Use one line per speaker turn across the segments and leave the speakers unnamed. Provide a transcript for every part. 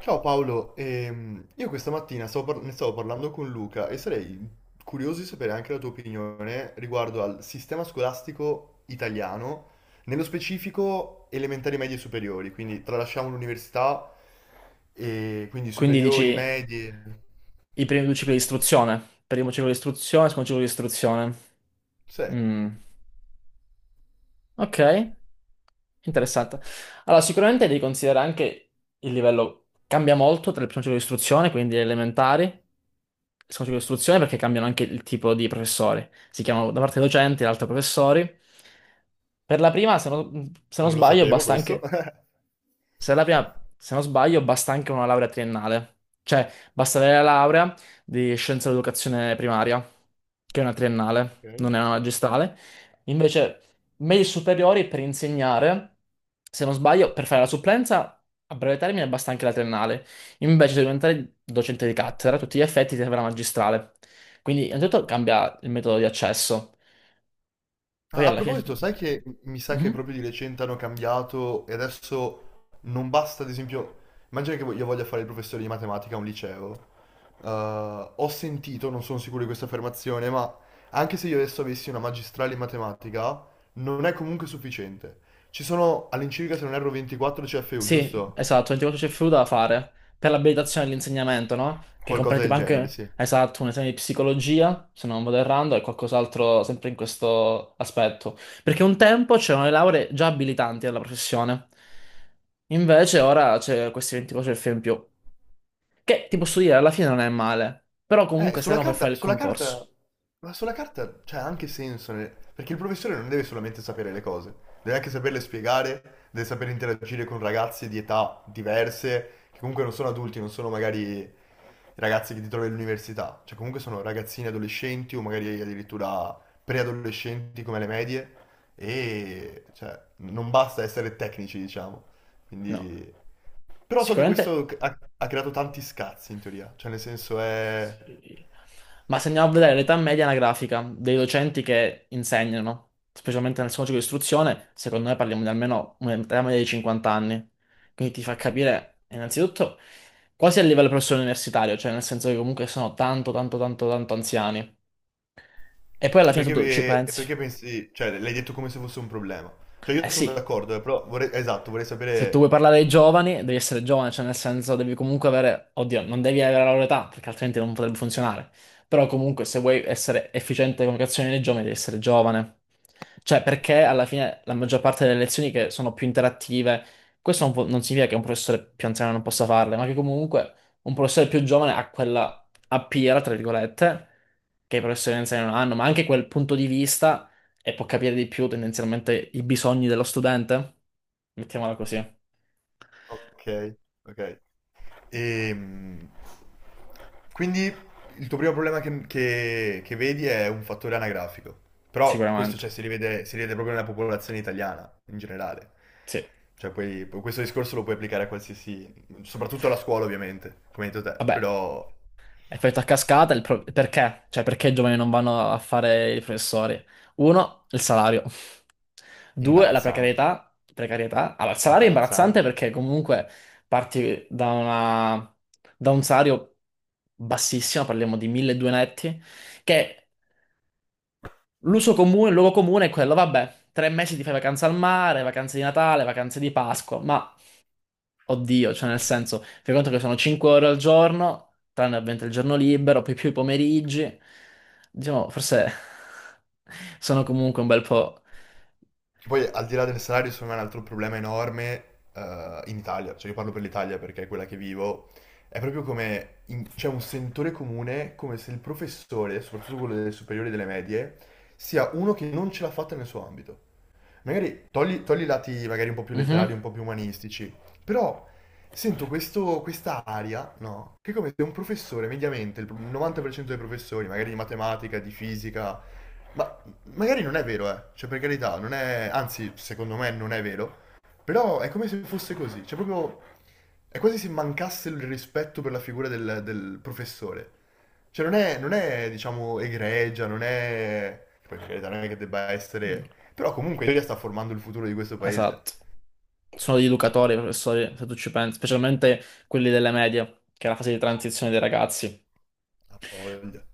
Ciao Paolo, io questa mattina ne stavo parlando con Luca e sarei curioso di sapere anche la tua opinione riguardo al sistema scolastico italiano, nello specifico elementari, medie e superiori, quindi tralasciamo l'università e quindi
Quindi
superiori,
dici
medie...
i primi due cicli di istruzione. Primo ciclo di istruzione, secondo ciclo di istruzione.
Sì,
Mm, ok, interessante. Allora, sicuramente devi considerare anche il livello cambia molto tra il primo ciclo di istruzione, quindi le elementari, il secondo ciclo di istruzione, perché cambiano anche il tipo di professori. Si chiamano da parte docenti, l'altra professori. Per la prima, se non
non lo
sbaglio,
sapevo
basta
questo.
anche. Se la prima- Se non sbaglio, basta anche una laurea triennale. Cioè, basta avere la laurea di scienza dell'educazione primaria, che è una triennale,
Ok.
non è una magistrale. Invece, medie superiori per insegnare, se non sbaglio, per fare la supplenza a breve termine basta anche la triennale. Invece, se diventare docente di cattedra, a tutti gli effetti ti serve la magistrale. Quindi, innanzitutto cambia il metodo di accesso.
Ah,
Poi
a
alla fine... se tu-
proposito, sai che mi sa che
Mhm.
proprio di recente hanno cambiato e adesso non basta, ad esempio, immagina che io voglia fare il professore di matematica a un liceo. Eh, ho sentito, non sono sicuro di questa affermazione, ma anche se io adesso avessi una magistrale in matematica, non è comunque sufficiente. Ci sono all'incirca, se non erro, 24 CFU,
Sì,
giusto?
esatto, 24 c'è fluido da fare per l'abilitazione dell'insegnamento, no? Che
Qualcosa
comprende tipo
del genere,
anche,
sì.
esatto, un esame di psicologia, se non vado errando, e qualcos'altro sempre in questo aspetto. Perché un tempo c'erano le lauree già abilitanti alla professione, invece ora c'è questi 24 CFU in più, che ti posso dire, alla fine non è male, però comunque servono per fare il
Sulla carta,
concorso.
ma sulla carta c'è anche senso, nel- perché il professore non deve solamente sapere le cose, deve anche saperle spiegare, deve sapere interagire con ragazzi di età diverse, che comunque non sono adulti, non sono magari i ragazzi che ti trovi all'università, cioè comunque sono ragazzini adolescenti o magari addirittura preadolescenti come le medie, e cioè, non basta essere tecnici, diciamo.
No,
Quindi... Però so che
sicuramente.
questo ha creato tanti scazzi in teoria, cioè nel senso è...
Sì. Ma se andiamo a vedere l'età media anagrafica dei docenti che insegnano, specialmente nel secondo ciclo di istruzione, secondo me parliamo di almeno un'età media di 50 anni. Quindi ti fa capire, innanzitutto, quasi a livello professore universitario, cioè nel senso che comunque sono tanto, tanto, tanto, tanto anziani. E poi alla
E
fine tu ci
perché, e
pensi.
perché pensi, cioè l'hai detto come se fosse un problema. Cioè io
Eh
sono
sì,
d'accordo, però vorrei, esatto, vorrei
se tu vuoi
sapere...
parlare ai giovani, devi essere giovane, cioè nel senso devi comunque avere, oddio, non devi avere la loro età, perché altrimenti non potrebbe funzionare. Però comunque se vuoi essere efficiente con le azioni dei giovani, devi essere giovane. Cioè perché alla fine la maggior parte delle lezioni che sono più interattive, questo non, pu- non significa che un professore più anziano non possa farle, ma che comunque un professore più giovane ha quella a piera, tra virgolette, che i professori anziani non hanno, ma anche quel punto di vista e può capire di più tendenzialmente i bisogni dello studente. Mettiamola così,
Ok, ok. Ehm, quindi il tuo primo problema che vedi è un fattore anagrafico, però questo
sicuramente.
cioè, si rivede proprio nella popolazione italiana in generale.
Sì.
Cioè, questo discorso lo puoi applicare a qualsiasi, soprattutto alla scuola ovviamente, come hai detto te,
Vabbè,
però
effetto a cascata, perché? Cioè, perché i giovani non vanno a fare i professori? Uno, il salario. Due, la
imbarazzante,
precarietà. Precarietà. Allora, il salario è imbarazzante
imbarazzante.
perché comunque parti da una... da un salario bassissimo, parliamo di 1.200 netti, che l'uso comune, il luogo comune è quello, vabbè, tre mesi ti fai vacanza al mare, vacanze di Natale, vacanze di Pasqua, ma oddio, cioè nel senso, fai conto che sono 5 ore al giorno, tranne ovviamente il giorno libero, poi più i pomeriggi, diciamo, forse sono comunque un bel po'...
Che poi al di là del salario, secondo me è un altro problema enorme in Italia, cioè io parlo per l'Italia perché è quella che vivo, è proprio come in- c'è un sentore comune come se il professore, soprattutto quello delle superiori e delle medie, sia uno che non ce l'ha fatta nel suo ambito magari togli, togli i lati magari un po' più letterari, un po' più umanistici, però sento questo, questa aria, no? Che è come se un professore, mediamente, il 90% dei professori, magari di matematica, di fisica, ma magari non è vero, cioè per carità, non è, anzi, secondo me non è vero, però è come se fosse così, cioè proprio, è quasi se mancasse il rispetto per la figura del professore. Cioè non è, diciamo, egregia, non è... Poi per carità, non è che debba
Mhm.
essere... Però comunque l'Italia sta formando il futuro di questo paese.
Esatto, sono gli educatori, i professori, se tu ci pensi, specialmente quelli delle medie, che è la fase di transizione dei ragazzi.
Ha voglia.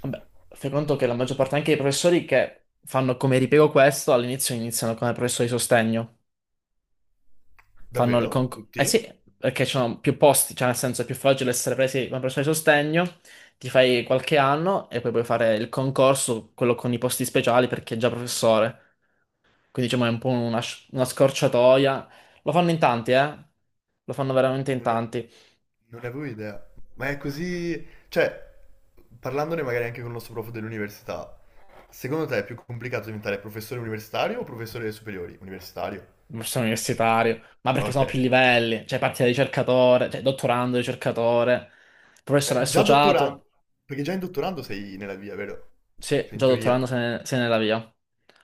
Vabbè, fai conto che la maggior parte anche dei professori che fanno come ripiego questo all'inizio iniziano come professori di sostegno. Fanno il
Davvero?
concorso. Eh
Tutti?
sì, perché ci sono più posti, cioè nel senso è più facile essere presi come professore di sostegno, ti fai qualche anno e poi puoi fare il concorso, quello con i posti speciali perché è già professore. Quindi diciamo è un po' una scorciatoia. Lo fanno in tanti, eh? Lo fanno veramente in
Non ne,
tanti.
non ne avevo idea. Ma è così... Cioè, parlandone magari anche con il nostro prof dell'università, secondo te è più complicato diventare professore universitario o professore delle superiori? Universitario.
Sono universitario, ma
Ah,
perché sono
ok.
più livelli, cioè parti da ricercatore, cioè dottorando, ricercatore, professore
Già dottorando,
associato,
perché già in dottorando sei nella via, vero?
sì,
Cioè in
già dottorando
teoria.
se ne va via.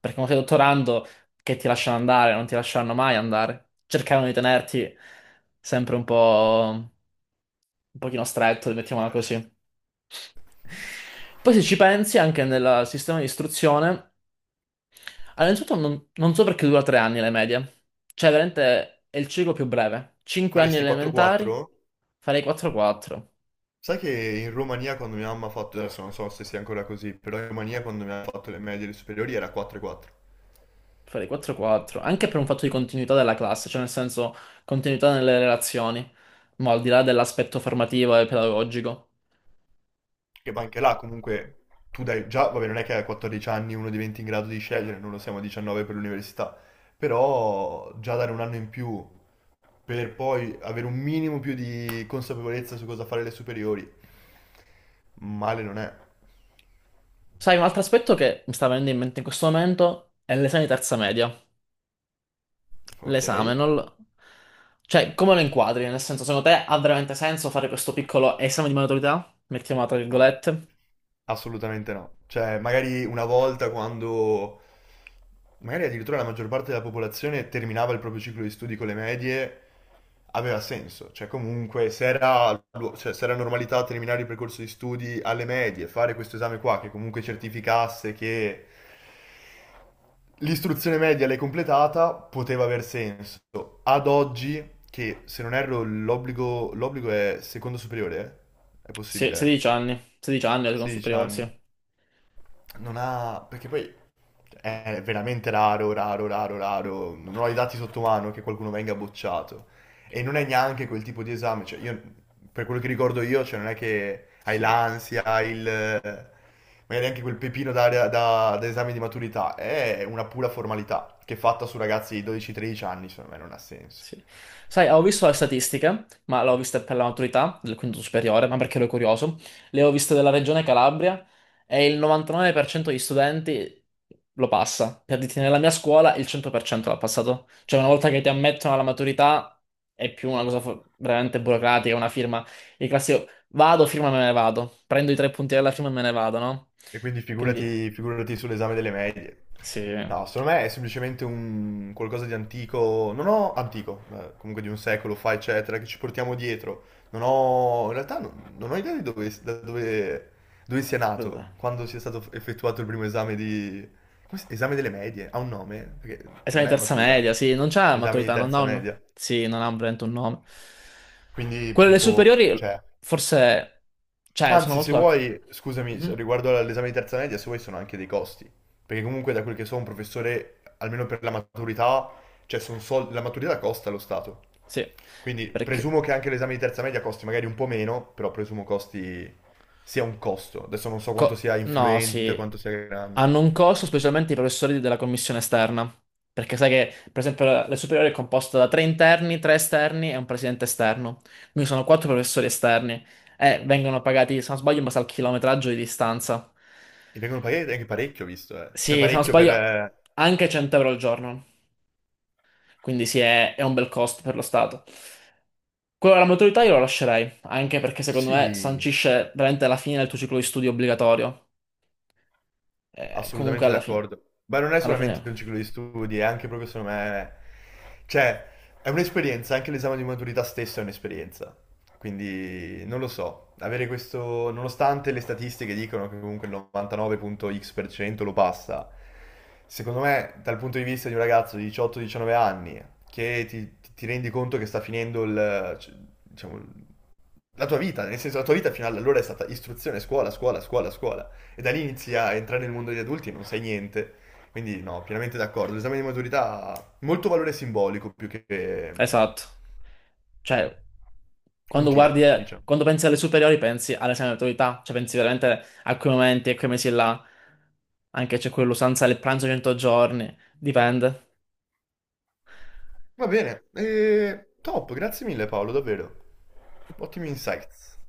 Perché quando sei dottorando, che ti lasciano andare, non ti lasceranno mai andare. Cercavano di tenerti sempre un po', un pochino stretto, mettiamola così. Poi se ci pensi, anche nel sistema di istruzione. Allora, innanzitutto non so perché dura tre anni le medie. Cioè, veramente è il ciclo più breve. Cinque anni
Faresti
elementari,
4-4?
farei 4-4.
Sai che in Romania quando mia mamma ha fatto, adesso non so se sia ancora così, però in Romania quando mi ha fatto le medie e le superiori era 4-4.
Farei 4-4. Anche per un fatto di continuità della classe, cioè nel senso continuità nelle relazioni. Ma al di là dell'aspetto formativo e pedagogico.
Che ma anche là comunque tu dai già, vabbè non è che a 14 anni uno diventi in grado di scegliere, non lo siamo a 19 per l'università, però già dare un anno in più per poi avere un minimo più di consapevolezza su cosa fare le superiori, male non è,
Sai, un altro aspetto che mi sta venendo in mente in questo momento è l'esame di terza media.
ok?
L'esame, non... lo- Cioè, come lo inquadri? Nel senso, secondo te ha veramente senso fare questo piccolo esame di maturità? Mettiamo tra
No.
virgolette.
Assolutamente no. Cioè, magari una volta quando magari addirittura la maggior parte della popolazione terminava il proprio ciclo di studi con le medie, aveva senso. Cioè, comunque, se era, cioè, se era normalità terminare il percorso di studi alle medie, fare questo esame qua che comunque certificasse che l'istruzione media l'hai completata, poteva aver senso. Ad oggi, che se non erro l'obbligo è secondo superiore, eh? È
Sì,
possibile,
16
eh?
anni, 16 anni, la seconda
16
superiore,
anni.
sì.
Non ha... perché poi è veramente raro, raro, raro, raro. Non ho i dati sotto mano che qualcuno venga bocciato. E non è neanche quel tipo di esame. Cioè, io, per quello che ricordo io, cioè, non è che hai
Sì,
l'ansia, hai il... magari anche quel pepino da esame di maturità. È una pura formalità che è fatta su ragazzi di 12-13 anni, secondo me non ha senso.
sì. Sai, ho visto le statistiche, ma l'ho vista per la maturità del quinto superiore, ma perché ero curioso. Le ho viste della regione Calabria e il 99% degli studenti lo passa. Per dirti, nella mia scuola il 100% l'ha passato. Cioè, una volta che ti ammettono alla maturità è più veramente burocratica, una firma. Il classico vado, firma, me ne vado. Prendo i tre punti della firma e me ne vado, no?
E quindi
Quindi,
figurati, figurati sull'esame delle medie.
sì.
No, secondo me è semplicemente un qualcosa di antico, non ho antico, comunque di un secolo fa, eccetera, che ci portiamo dietro. Non ho, in realtà non, non ho idea di dove, da dove, dove sia
Vabbè.
nato, quando sia stato effettuato il primo esame di... come si- Esame delle medie, ha un nome? Perché
Esame
non
di
è
terza
maturità,
media, sì, non c'ha
esame di
maturità, non ha
terza
un...
media.
Sì, non ha veramente un nome.
Quindi,
Quelle delle
boh,
superiori,
cioè...
forse... Cioè, sono
Anzi, se
molto d'accordo.
vuoi, scusami, se-
Mhm,
riguardo all'esame di terza media, se vuoi sono anche dei costi. Perché comunque da quel che so un professore, almeno per la maturità, cioè sono soldi, la maturità costa allo Stato.
sì,
Quindi
perché...
presumo che anche l'esame di terza media costi magari un po' meno, però presumo costi sia un costo. Adesso non so quanto sia
No,
influente,
sì.
quanto sia grande.
Hanno un costo specialmente i professori della commissione esterna. Perché sai che, per esempio, la superiore è composta da tre interni, tre esterni e un presidente esterno. Quindi sono quattro professori esterni. E vengono pagati, se non sbaglio, in base al chilometraggio di distanza.
E vengono pagati anche parecchio, ho visto, eh. Cioè
Sì, se non
parecchio per...
sbaglio, anche 100 euro al giorno. Quindi sì, è un bel costo per lo Stato. Quello della maturità io lo lascerei, anche perché secondo me
sì,
sancisce veramente la fine del tuo ciclo di studio obbligatorio. Comunque
assolutamente d'accordo. Ma non è
alla
solamente
fine,
un ciclo di studi, è anche proprio secondo me... Cioè, è un'esperienza, anche l'esame di maturità stesso è un'esperienza. Quindi, non lo so, avere questo... Nonostante le statistiche dicono che comunque il 99.x% lo passa, secondo me, dal punto di vista di un ragazzo di 18-19 anni, che ti rendi conto che sta finendo il... cioè, diciamo, la tua vita, nel senso la tua vita fino ad allora è stata istruzione, scuola, scuola, scuola, scuola. E da lì inizi a entrare nel mondo degli adulti e non sai niente. Quindi no, pienamente d'accordo. L'esame di maturità ha molto valore simbolico più che
esatto. Cioè, quando guardi,
utile, diciamo.
quando pensi alle superiori pensi all'esame di maturità, cioè pensi veramente a quei momenti, a quei mesi là, anche c'è quell'usanza del pranzo 100 giorni, dipende.
Va bene, e top, grazie mille Paolo, davvero. Ottimi insights.